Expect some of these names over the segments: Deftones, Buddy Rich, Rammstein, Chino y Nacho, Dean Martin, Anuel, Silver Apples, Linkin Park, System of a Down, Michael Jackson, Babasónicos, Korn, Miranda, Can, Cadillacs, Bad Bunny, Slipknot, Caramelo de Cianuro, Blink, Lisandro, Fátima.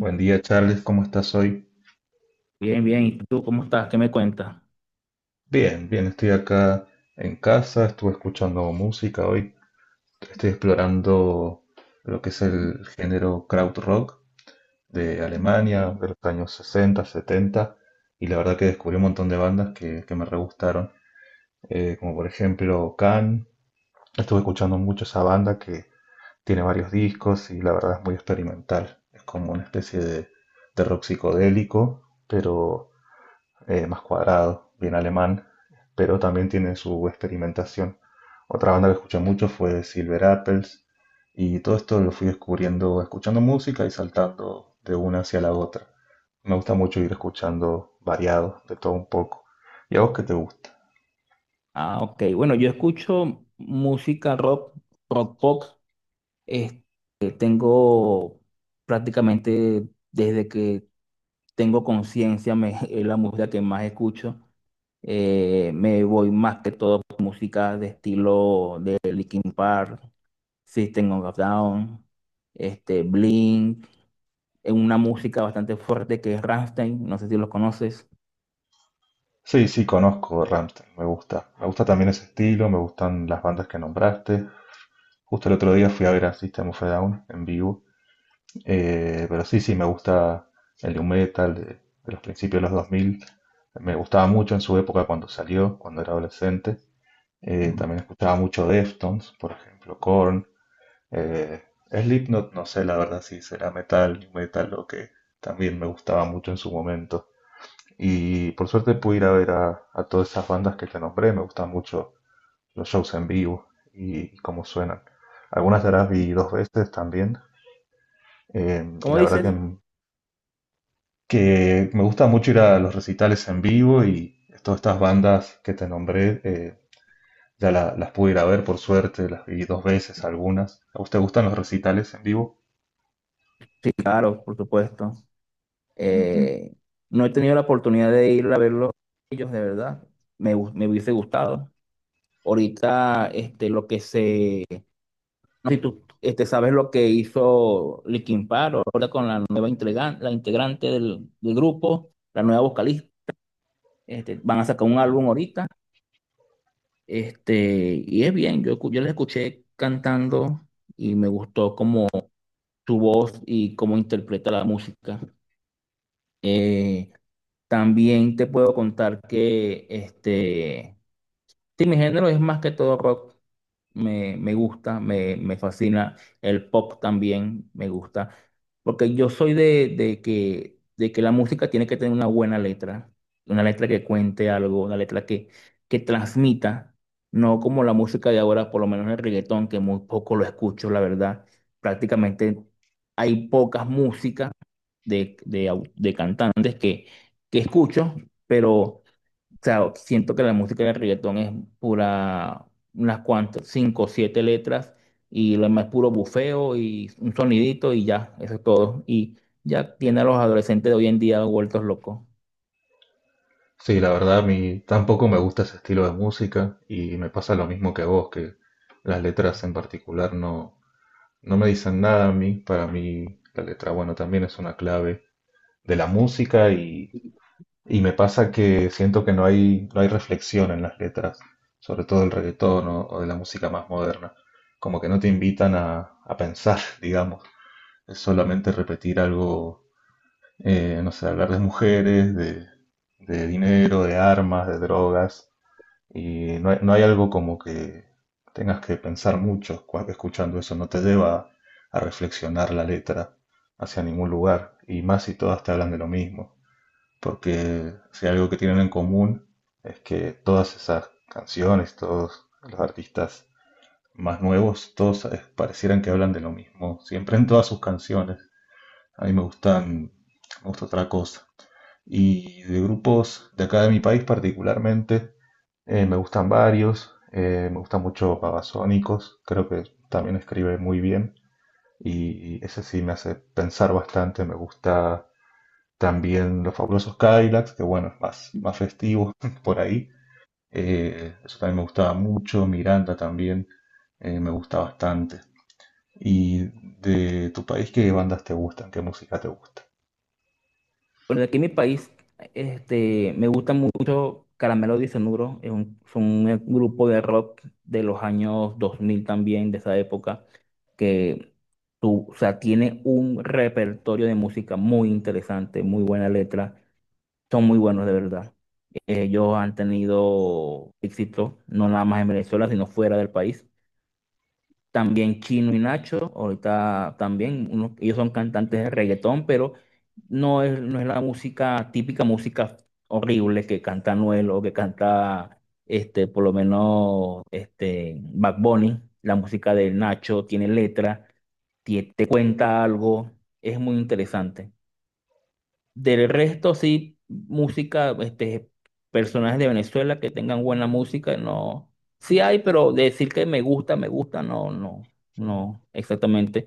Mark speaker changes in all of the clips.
Speaker 1: Buen día, Charles, ¿cómo estás hoy?
Speaker 2: Bien, bien. ¿Y tú cómo estás? ¿Qué me cuentas?
Speaker 1: Bien, bien, estoy acá en casa, estuve escuchando música hoy, estoy explorando lo que es el género krautrock de Alemania, de los años 60, 70, y la verdad que descubrí un montón de bandas que me re gustaron, como por ejemplo Can, estuve escuchando mucho esa banda que tiene varios discos y la verdad es muy experimental, es como una especie de rock psicodélico, pero más cuadrado, bien alemán, pero también tiene su experimentación. Otra banda que escuché mucho fue Silver Apples, y todo esto lo fui descubriendo escuchando música y saltando de una hacia la otra. Me gusta mucho ir escuchando variado, de todo un poco. ¿Y a vos qué te gusta?
Speaker 2: Ah, ok. Bueno, yo escucho música rock, rock pop. Este, Tengo prácticamente desde que tengo conciencia, es la música que más escucho. Me voy más que todo por música de estilo de Linkin Park, System of a Down, Blink. Es una música bastante fuerte que es Rammstein. No sé si los conoces.
Speaker 1: Sí, sí, conozco Rammstein, me gusta. Me gusta también ese estilo, me gustan las bandas que nombraste. Justo el otro día fui a ver a System of a Down en vivo. Pero sí, sí, me gusta el new metal de los principios de los 2000. Me gustaba mucho en su época cuando salió, cuando era adolescente. También escuchaba mucho Deftones, por ejemplo, Korn. Eh, Slipknot, no sé la verdad si será metal, new metal, lo que también me gustaba mucho en su momento. Y por suerte pude ir a ver a todas esas bandas que te nombré. Me gustan mucho los shows en vivo y cómo suenan. Algunas de las vi dos veces también. Y
Speaker 2: ¿Cómo
Speaker 1: la verdad que
Speaker 2: dices?
Speaker 1: que me gusta mucho ir a los recitales en vivo y todas estas bandas que te nombré, ya las pude ir a ver por suerte, las vi dos veces algunas. ¿A usted gustan los recitales en vivo?
Speaker 2: Sí, claro, por supuesto. Eh, no he tenido la oportunidad de ir a verlos ellos, de verdad. Me hubiese gustado. Ahorita, lo que se. No sé si tú sabes lo que hizo Linkin Park, ahora con la nueva integrante, la integrante del grupo, la nueva vocalista. Van a sacar un álbum ahorita. Y es bien, yo la escuché cantando y me gustó como su voz y cómo interpreta la música. Eh, También te puedo contar que sí, mi género es más que todo rock. Me gusta, me fascina. El pop también me gusta. Porque yo soy de que la música tiene que tener una buena letra. Una letra que cuente algo, una letra que transmita. No como la música de ahora, por lo menos el reggaetón, que muy poco lo escucho, la verdad. Prácticamente hay pocas músicas de cantantes que escucho, pero. O sea, siento que la música de reggaetón es pura, unas cuantas, cinco o siete letras, y lo demás es puro bufeo y un sonidito y ya, eso es todo. Y ya tiene a los adolescentes de hoy en día vueltos locos.
Speaker 1: Sí, la verdad a mí tampoco me gusta ese estilo de música y me pasa lo mismo que a vos, que las letras en particular no me dicen nada a mí. Para mí la letra, bueno, también es una clave de la música y me pasa que siento que no hay reflexión en las letras, sobre todo del reggaetón o de la música más moderna. Como que no te invitan a pensar, digamos. Es solamente repetir algo, no sé, hablar de mujeres, de dinero, de armas, de drogas. Y no hay algo como que tengas que pensar mucho escuchando eso. No te lleva a reflexionar la letra hacia ningún lugar. Y más si todas te hablan de lo mismo porque si algo que tienen en común es que todas esas canciones, todos los artistas más nuevos, todos parecieran que hablan de lo mismo, siempre en todas sus canciones. A mí me gusta otra cosa. Y de grupos de acá de mi país particularmente, me gustan varios, me gusta mucho Babasónicos, creo que también escribe muy bien y ese sí me hace pensar bastante, me gusta también los fabulosos Cadillacs, que bueno, es más festivo por ahí. Eso también me gustaba mucho. Miranda también me gusta bastante. ¿Y de tu país qué bandas te gustan? ¿Qué música te gusta?
Speaker 2: Bueno, aquí en mi país, me gusta mucho Caramelo de Cianuro, es un, son un grupo de rock de los años 2000 también, de esa época, que tú, o sea, tiene un repertorio de música muy interesante, muy buena letra, son muy buenos de verdad. Ellos han tenido éxito, no nada más en Venezuela, sino fuera del país. También Chino y Nacho, ahorita también, ellos son cantantes de reggaetón, pero no es, no es la música, típica música horrible que canta Anuel o que canta, por lo menos, Bad Bunny. La música de Nacho tiene letra, te cuenta algo, es muy interesante. Del resto, sí, música, personajes de Venezuela que tengan buena música, no. Sí hay, pero decir que me gusta, no, no, no, exactamente.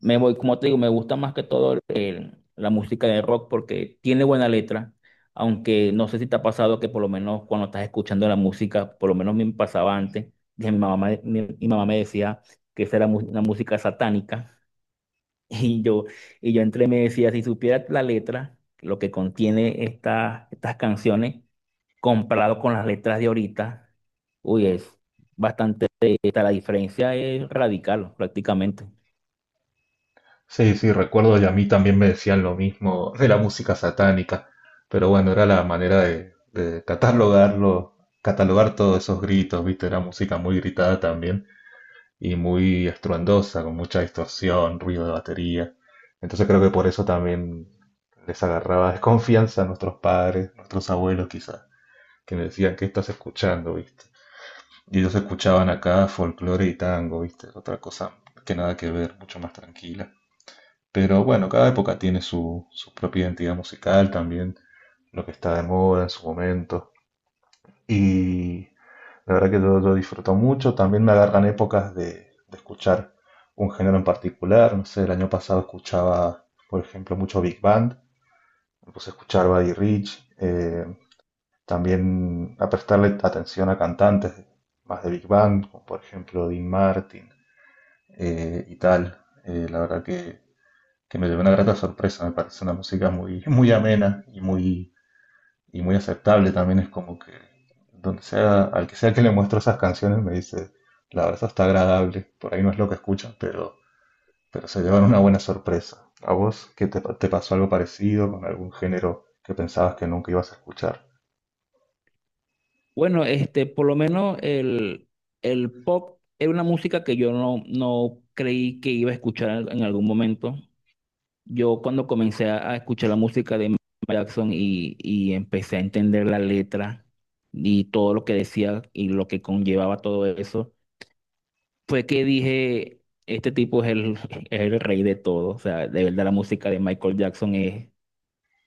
Speaker 2: Me voy, como te digo, me gusta más que todo la música de rock porque tiene buena letra, aunque no sé si te ha pasado que por lo menos cuando estás escuchando la música, por lo menos me pasaba antes, que mi mamá me decía que esa era una música satánica. Y yo, y yo entre me decía, si supieras la letra, lo que contiene estas canciones, comparado con las letras de ahorita, uy, es bastante, la diferencia es radical prácticamente.
Speaker 1: Sí, sí, recuerdo y a mí también me decían lo mismo de la música satánica, pero bueno, era la manera de catalogar todos esos gritos, ¿viste? Era música muy gritada también. Y muy estruendosa, con mucha distorsión, ruido de batería. Entonces creo que por eso también les agarraba desconfianza a nuestros padres, nuestros abuelos quizás, que me decían, ¿qué estás escuchando? ¿Viste? Y ellos escuchaban acá folclore y tango, ¿viste? Otra cosa que nada que ver, mucho más tranquila. Pero bueno, cada época tiene su propia identidad musical también, lo que está de moda en su momento. Y la verdad que yo lo disfruto mucho. También me agarran épocas de escuchar un género en particular. No sé, el año pasado escuchaba, por ejemplo, mucho Big Band. Me puse a escuchar Buddy Rich. También a prestarle atención a cantantes más de Big Band, como por ejemplo Dean Martin, y tal. La verdad que me llevé una grata sorpresa. Me parece una música muy, muy amena y muy aceptable también. Es como que donde sea, al que sea que le muestro esas canciones me dice, la verdad eso está agradable, por ahí no es lo que escuchan, pero se llevan una buena sorpresa. ¿A vos qué te pasó algo parecido con algún género que pensabas que nunca ibas a escuchar?
Speaker 2: Bueno, por lo menos el pop era una música que yo no, no creí que iba a escuchar en algún momento. Yo cuando comencé a escuchar la música de Michael Jackson y empecé a entender la letra y todo lo que decía y lo que conllevaba todo eso, fue que dije, este tipo es el, es el rey de todo. O sea, de verdad la música de Michael Jackson es,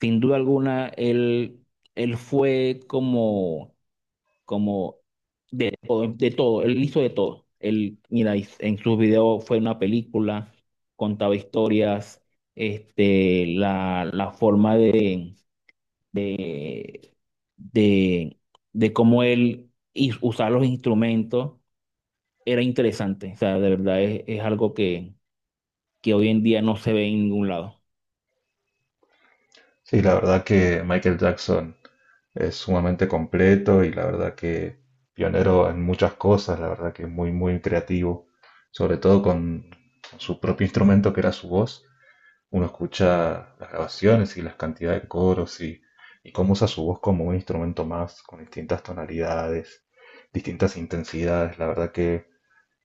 Speaker 2: sin duda alguna, él fue como, como de todo, él hizo de todo. Él, mira, en sus videos fue una película, contaba historias, la forma de, de, de cómo él usaba los instrumentos era interesante. O sea, de verdad es algo que hoy en día no se ve en ningún lado.
Speaker 1: Sí, la verdad que Michael Jackson es sumamente completo y la verdad que pionero en muchas cosas, la verdad que muy, muy creativo, sobre todo con su propio instrumento que era su voz. Uno escucha las grabaciones y las cantidades de coros y cómo usa su voz como un instrumento más, con distintas tonalidades, distintas intensidades. La verdad que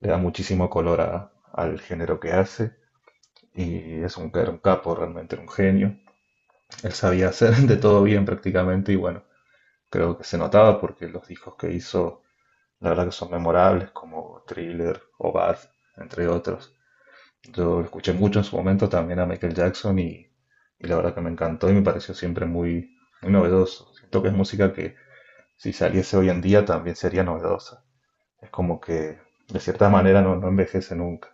Speaker 1: le da muchísimo color al género que hace y es era un capo, realmente era un genio. Él sabía hacer de todo bien prácticamente y bueno, creo que se notaba porque los discos que hizo, la verdad que son memorables como Thriller o Bad, entre otros. Yo lo escuché mucho en su momento también a Michael Jackson y la verdad que me encantó y me pareció siempre muy, muy novedoso. Siento que es música que si saliese hoy en día también sería novedosa. Es como que de cierta manera no envejece nunca.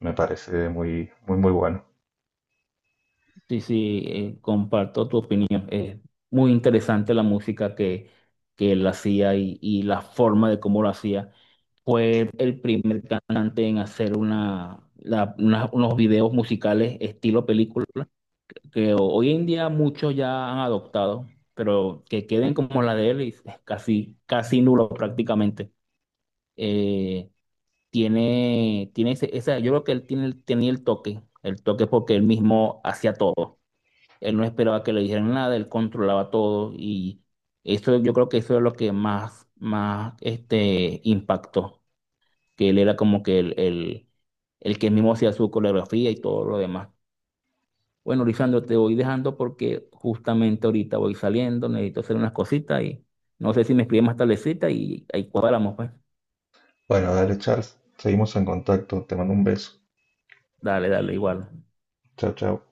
Speaker 1: Me parece muy, muy, muy bueno.
Speaker 2: Sí, sí, comparto tu opinión. Es muy interesante la música que él hacía y la forma de cómo lo hacía. Fue el primer cantante en hacer unos videos musicales estilo película, que hoy en día muchos ya han adoptado, pero que queden como la de él y es casi, casi nulo prácticamente. Eh, Tiene, tiene yo creo que él tiene, tenía el toque porque él mismo hacía todo. Él no esperaba que le dijeran nada, él controlaba todo y eso yo creo que eso es lo que más, más impactó, que él era como que el que mismo hacía su coreografía y todo lo demás. Bueno, Lisandro, te voy dejando porque justamente ahorita voy saliendo, necesito hacer unas cositas y no sé si me escribes más tardecita y ahí cuadramos, pues.
Speaker 1: Bueno, dale Charles, seguimos en contacto. Te mando un beso.
Speaker 2: Dale, dale, igual.
Speaker 1: Chao, chao.